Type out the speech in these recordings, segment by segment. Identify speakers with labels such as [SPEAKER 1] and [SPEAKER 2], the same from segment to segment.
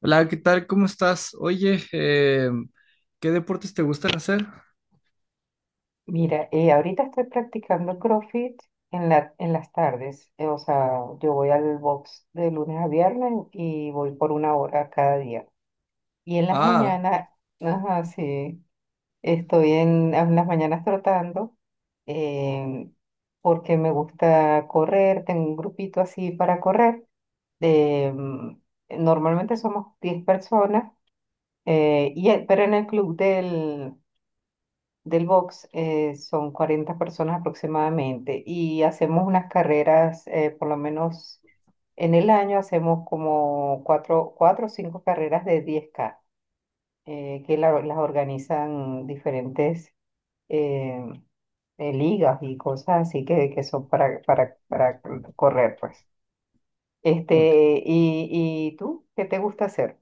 [SPEAKER 1] Hola, ¿qué tal? ¿Cómo estás? Oye, ¿qué deportes te gustan hacer?
[SPEAKER 2] Mira, ahorita estoy practicando CrossFit en las tardes. O sea, yo voy al box de lunes a viernes y voy por una hora cada día. Y en las
[SPEAKER 1] Ah,
[SPEAKER 2] mañanas, ajá, sí, en las mañanas trotando eh, porque me gusta correr. Tengo un grupito así para correr. eh, mm, Normalmente somos 10 personas, pero en el club del box, son 40 personas aproximadamente y hacemos unas carreras, por lo menos en el año hacemos como cuatro o cinco carreras de 10 K, que las organizan diferentes eh, ligas y cosas así que son para correr, pues.
[SPEAKER 1] ok.
[SPEAKER 2] Este, y ¿y tú qué te gusta hacer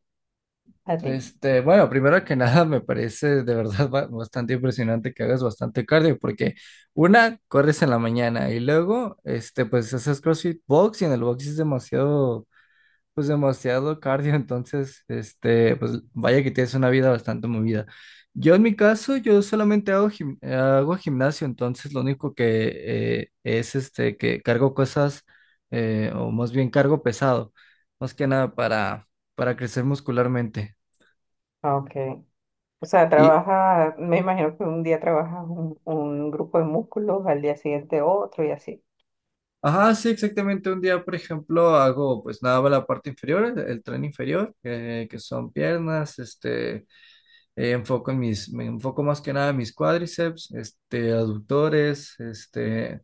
[SPEAKER 2] a ti?
[SPEAKER 1] Bueno, primero que nada, me parece de verdad bastante impresionante que hagas bastante cardio, porque una, corres en la mañana y luego, pues haces CrossFit Box y en el box es demasiado pues demasiado cardio, entonces, pues vaya que tienes una vida bastante movida. Yo en mi caso, yo solamente hago, hago gimnasio, entonces lo único que es que cargo cosas, o más bien cargo pesado, más que nada para, para crecer muscularmente.
[SPEAKER 2] Ok. O sea,
[SPEAKER 1] Y,
[SPEAKER 2] trabaja, me imagino que un día trabajas un grupo de músculos, al día siguiente otro y así.
[SPEAKER 1] ajá, sí, exactamente, un día, por ejemplo, hago pues nada, más la parte inferior, el tren inferior, que son piernas, este. Me enfoco más que nada en mis cuádriceps, aductores,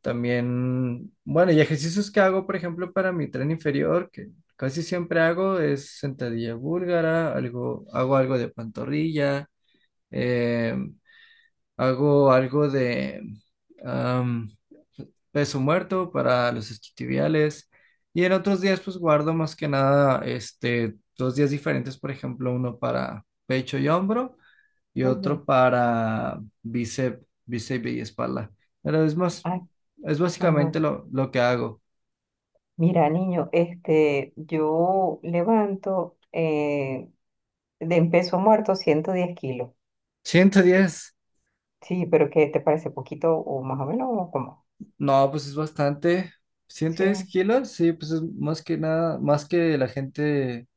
[SPEAKER 1] también, bueno, y ejercicios que hago, por ejemplo, para mi tren inferior, que casi siempre hago es sentadilla búlgara, algo, hago algo de pantorrilla, eh, hago algo de am, peso muerto para los isquiotibiales, y en otros días, pues guardo más que nada, dos días diferentes, por ejemplo, uno para pecho y hombro y
[SPEAKER 2] Ujú.
[SPEAKER 1] otro para bíceps, bíceps y espalda. Pero es más,
[SPEAKER 2] Ay,
[SPEAKER 1] es
[SPEAKER 2] ajá.
[SPEAKER 1] básicamente lo que hago.
[SPEAKER 2] Mira, niño, este, yo levanto de en peso muerto 110 kilos.
[SPEAKER 1] Ciento diez.
[SPEAKER 2] Sí, pero ¿qué te parece poquito o más o menos o cómo?
[SPEAKER 1] No, pues es bastante. ciento
[SPEAKER 2] Sí,
[SPEAKER 1] diez kilos, sí, pues es más que nada, más que la gente,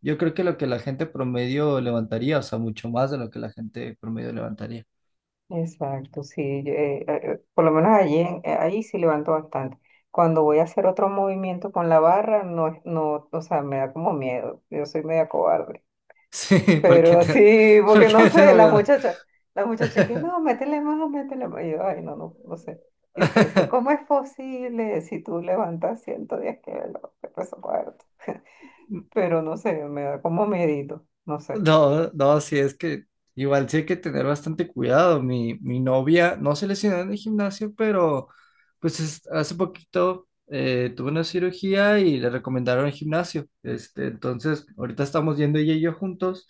[SPEAKER 1] yo creo que lo que la gente promedio levantaría, o sea, mucho más de lo que la gente promedio levantaría.
[SPEAKER 2] exacto, sí. Yo, por lo menos allí, ahí sí levanto bastante. Cuando voy a hacer otro movimiento con la barra, no, no, o sea, me da como miedo. Yo soy media cobarde.
[SPEAKER 1] Sí, porque
[SPEAKER 2] Pero
[SPEAKER 1] te,
[SPEAKER 2] sí, porque no
[SPEAKER 1] porque te
[SPEAKER 2] sé,
[SPEAKER 1] da miedo.
[SPEAKER 2] las muchachas que no, métele más, métele más. Y yo, ay, no, no, no sé. Y después dice, ¿cómo es posible si tú levantas 110 kilos de peso muerto? Pero no sé, me da como miedito, no sé.
[SPEAKER 1] No, no, sí, es que igual sí hay que tener bastante cuidado. Mi novia no se lesionó en el gimnasio, pero hace poquito tuvo una cirugía y le recomendaron el gimnasio. Entonces, ahorita estamos yendo ella y yo juntos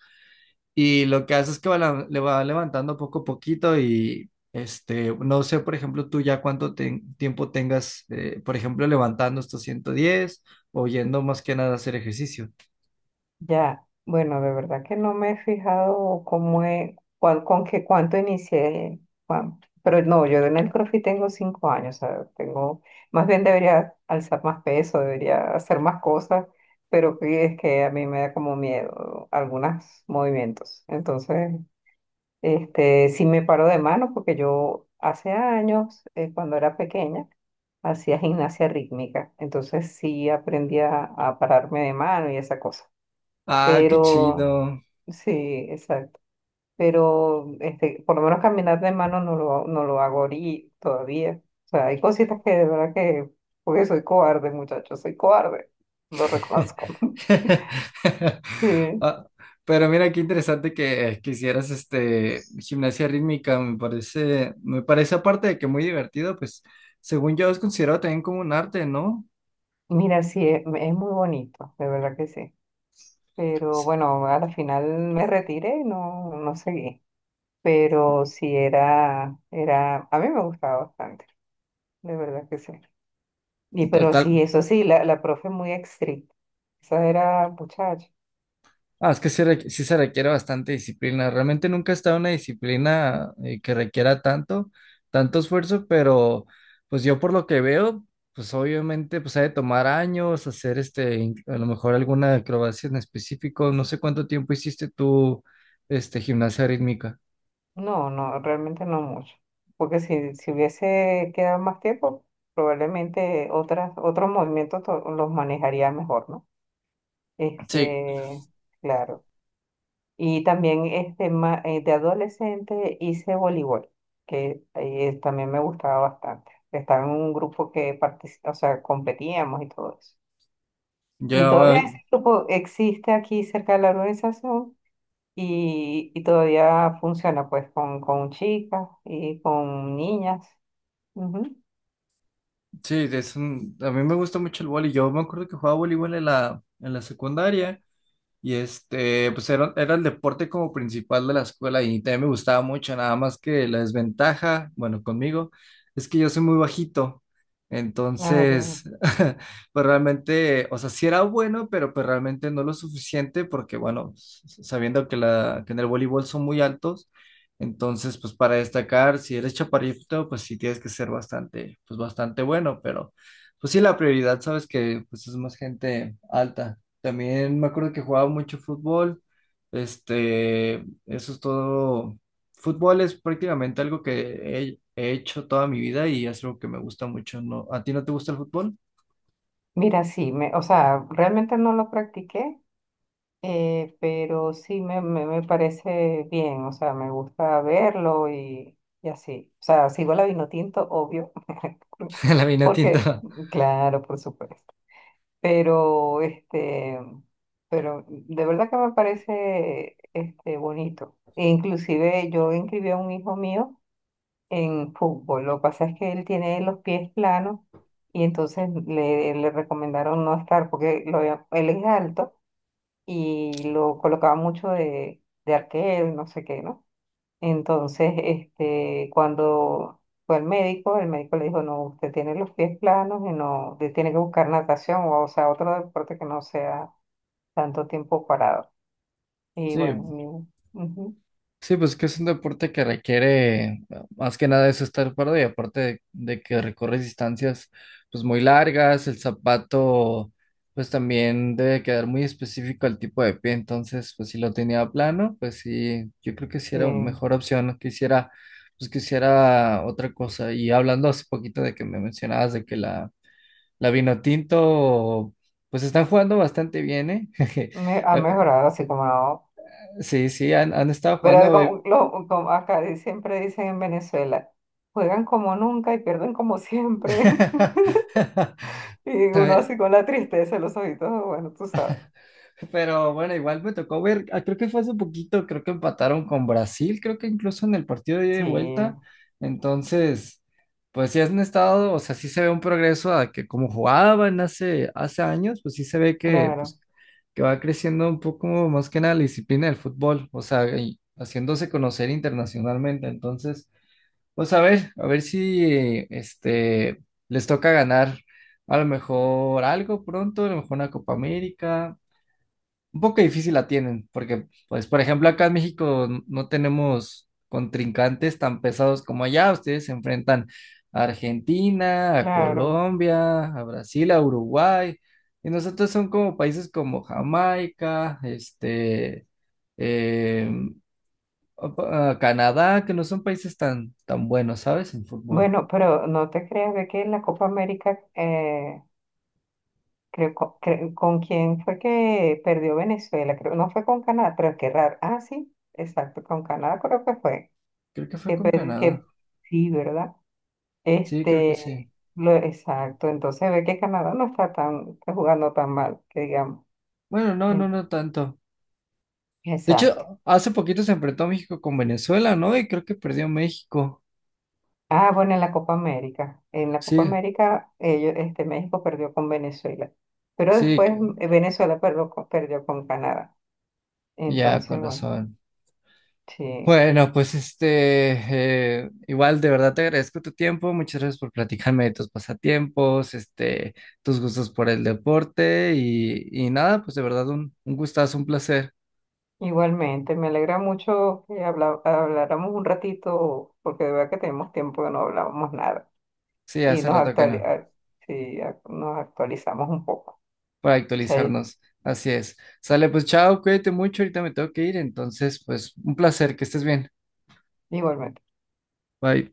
[SPEAKER 1] y lo que hace es que va le va levantando poco a poquito y no sé, por ejemplo, tú ya cuánto tiempo tengas, por ejemplo, levantando estos 110 o yendo más que nada a hacer ejercicio.
[SPEAKER 2] Ya, bueno, de verdad que no me he fijado cómo es, cuál, con qué, cuánto inicié, cuán- pero no, yo en el CrossFit tengo cinco años, o sea, tengo, más bien debería alzar más peso, debería hacer más cosas, pero que es que a mí me da como miedo algunos movimientos. Entonces, este, sí me paro de mano porque yo hace años, cuando era pequeña, hacía gimnasia rítmica, entonces sí aprendí a pararme de mano y esa cosa,
[SPEAKER 1] Ah, qué
[SPEAKER 2] pero
[SPEAKER 1] chido.
[SPEAKER 2] sí, exacto. Pero este, por lo menos caminar de mano no no lo hago ahorita todavía. O sea, hay cositas que de verdad que, porque soy cobarde, muchachos, soy cobarde, lo reconozco. Sí.
[SPEAKER 1] Ah, pero mira qué interesante que, hicieras este gimnasia rítmica, me parece aparte de que muy divertido, pues según yo es considerado también como un arte, ¿no?
[SPEAKER 2] Mira, sí, es muy bonito, de verdad que sí. Pero bueno, a la final me retiré y no, no seguí. Pero sí era, a mí me gustaba bastante, de verdad que sí. Y pero
[SPEAKER 1] Total.
[SPEAKER 2] sí, eso sí, la profe muy estricta. Esa era muchacha.
[SPEAKER 1] Ah, es que sí, sí se requiere bastante disciplina. Realmente nunca he estado en una disciplina que requiera tanto, tanto esfuerzo, pero pues yo por lo que veo, pues obviamente pues ha de tomar años hacer a lo mejor alguna acrobacia en específico. No sé cuánto tiempo hiciste tú, gimnasia rítmica.
[SPEAKER 2] No, no, realmente no mucho. Porque si hubiese quedado más tiempo, probablemente otras, otros movimientos los manejaría mejor, ¿no?
[SPEAKER 1] Sí,
[SPEAKER 2] Este, claro. Y también este, de adolescente hice voleibol, que también me gustaba bastante. Estaba en un grupo que participa, o sea, competíamos y todo eso. Y
[SPEAKER 1] yo,
[SPEAKER 2] todavía
[SPEAKER 1] eh,
[SPEAKER 2] ese grupo existe aquí cerca de la organización y, todavía funciona pues con chicas y con niñas. Ujú.
[SPEAKER 1] sí, a mí me gusta mucho el vóley. Yo me acuerdo que jugaba voleibol en la secundaria. Y pues era el deporte como principal de la escuela y también me gustaba mucho, nada más que la desventaja, bueno, conmigo, es que yo soy muy bajito.
[SPEAKER 2] Ah, ya.
[SPEAKER 1] Entonces, pues realmente, o sea, sí era bueno, pero pues realmente no lo suficiente porque, bueno, sabiendo que, que en el voleibol son muy altos, entonces, pues para destacar, si eres chaparrito, pues sí tienes que ser bastante, pues bastante bueno, pero pues sí la prioridad, sabes que pues es más gente alta. También me acuerdo que jugaba mucho fútbol. Este, eso es todo. Fútbol es prácticamente algo que he hecho toda mi vida y es algo que me gusta mucho, ¿no? ¿A ti no te gusta el fútbol?
[SPEAKER 2] Mira, sí, me, o sea, realmente no lo practiqué, pero sí me parece bien, o sea, me gusta verlo y así. O sea, sigo la Vinotinto, obvio,
[SPEAKER 1] La vina
[SPEAKER 2] porque,
[SPEAKER 1] tinta.
[SPEAKER 2] claro, por supuesto. Pero este, pero de verdad que me parece este bonito. E inclusive yo inscribí a un hijo mío en fútbol. Lo que pasa es que él tiene los pies planos y entonces le recomendaron no estar porque él es alto y lo colocaba mucho de arquero y no sé qué, ¿no? Entonces, este, cuando fue al médico, el médico le dijo, no, usted tiene los pies planos y no, usted tiene que buscar natación o sea, otro deporte que no sea tanto tiempo parado. Y bueno,
[SPEAKER 1] Sí.
[SPEAKER 2] ujú,
[SPEAKER 1] Sí, pues que es un deporte que requiere más que nada eso estar parado y aparte de que recorres distancias pues muy largas, el zapato pues también debe quedar muy específico al tipo de pie, entonces pues si lo tenía plano, pues sí, yo creo que sí
[SPEAKER 2] sí,
[SPEAKER 1] era mejor opción, que hiciera pues que hiciera otra cosa y hablando hace poquito de que me mencionabas de que la vino tinto pues están jugando bastante bien, ¿eh?
[SPEAKER 2] ha
[SPEAKER 1] La- eh,
[SPEAKER 2] mejorado así como no.
[SPEAKER 1] Sí, sí, han estado
[SPEAKER 2] Pero
[SPEAKER 1] jugando.
[SPEAKER 2] como acá siempre dicen en Venezuela, juegan como nunca y pierden como siempre. Y uno así con la tristeza en los ojitos, bueno, tú sabes.
[SPEAKER 1] Pero bueno, igual me tocó ver, ah, creo que fue hace poquito, creo que empataron con Brasil, creo que incluso en el partido de ida y
[SPEAKER 2] Sí,
[SPEAKER 1] vuelta. Entonces, pues sí han estado, o sea, sí se ve un progreso a que como jugaban hace años, pues sí se ve que,
[SPEAKER 2] claro,
[SPEAKER 1] pues, que va creciendo un poco más que nada la disciplina del fútbol, o sea, y haciéndose conocer internacionalmente. Entonces, pues a ver si este les toca ganar a lo mejor algo pronto, a lo mejor una Copa América. Un poco difícil la tienen, porque pues por ejemplo acá en México no tenemos contrincantes tan pesados como allá. Ustedes se enfrentan a Argentina, a
[SPEAKER 2] claro.
[SPEAKER 1] Colombia, a Brasil, a Uruguay. Y nosotros son como países como Jamaica, em, a Canadá, que no son países tan, tan buenos, ¿sabes? En fútbol.
[SPEAKER 2] Bueno, pero no te creas, ve que en la Copa América, creo, quién fue que perdió Venezuela, creo, no fue con Canadá, pero qué raro. Ah, sí, exacto, con Canadá creo que fue,
[SPEAKER 1] Creo que fue
[SPEAKER 2] que,
[SPEAKER 1] con
[SPEAKER 2] per-
[SPEAKER 1] Canadá.
[SPEAKER 2] que sí, ¿verdad?
[SPEAKER 1] Sí, creo que sí.
[SPEAKER 2] Este, lo, exacto, entonces ve que Canadá no está tan, está jugando tan mal, que digamos.
[SPEAKER 1] Bueno, no,
[SPEAKER 2] Mm,
[SPEAKER 1] no, no tanto. De
[SPEAKER 2] exacto.
[SPEAKER 1] hecho, hace poquito se enfrentó México con Venezuela, ¿no? Y creo que perdió México.
[SPEAKER 2] Ah, bueno, en la Copa América, en la Copa
[SPEAKER 1] Sí,
[SPEAKER 2] América, ellos, este, México perdió con Venezuela, pero
[SPEAKER 1] sí,
[SPEAKER 2] después Venezuela perdió con Canadá.
[SPEAKER 1] ya,
[SPEAKER 2] Entonces,
[SPEAKER 1] con
[SPEAKER 2] bueno,
[SPEAKER 1] razón.
[SPEAKER 2] sí,
[SPEAKER 1] Bueno, pues igual de verdad te agradezco tu tiempo. Muchas gracias por platicarme de tus pasatiempos, tus gustos por el deporte y nada, pues de verdad un gustazo, un placer.
[SPEAKER 2] igualmente, me alegra mucho que habláramos un ratito, porque de verdad que tenemos tiempo que no hablábamos nada
[SPEAKER 1] Sí,
[SPEAKER 2] y
[SPEAKER 1] hace rato que no.
[SPEAKER 2] sí, nos actualizamos un poco.
[SPEAKER 1] Para
[SPEAKER 2] Sí,
[SPEAKER 1] actualizarnos. Así es. Sale, pues chao, cuídate mucho, ahorita me tengo que ir, entonces, pues un placer, que estés bien.
[SPEAKER 2] igualmente.
[SPEAKER 1] Bye.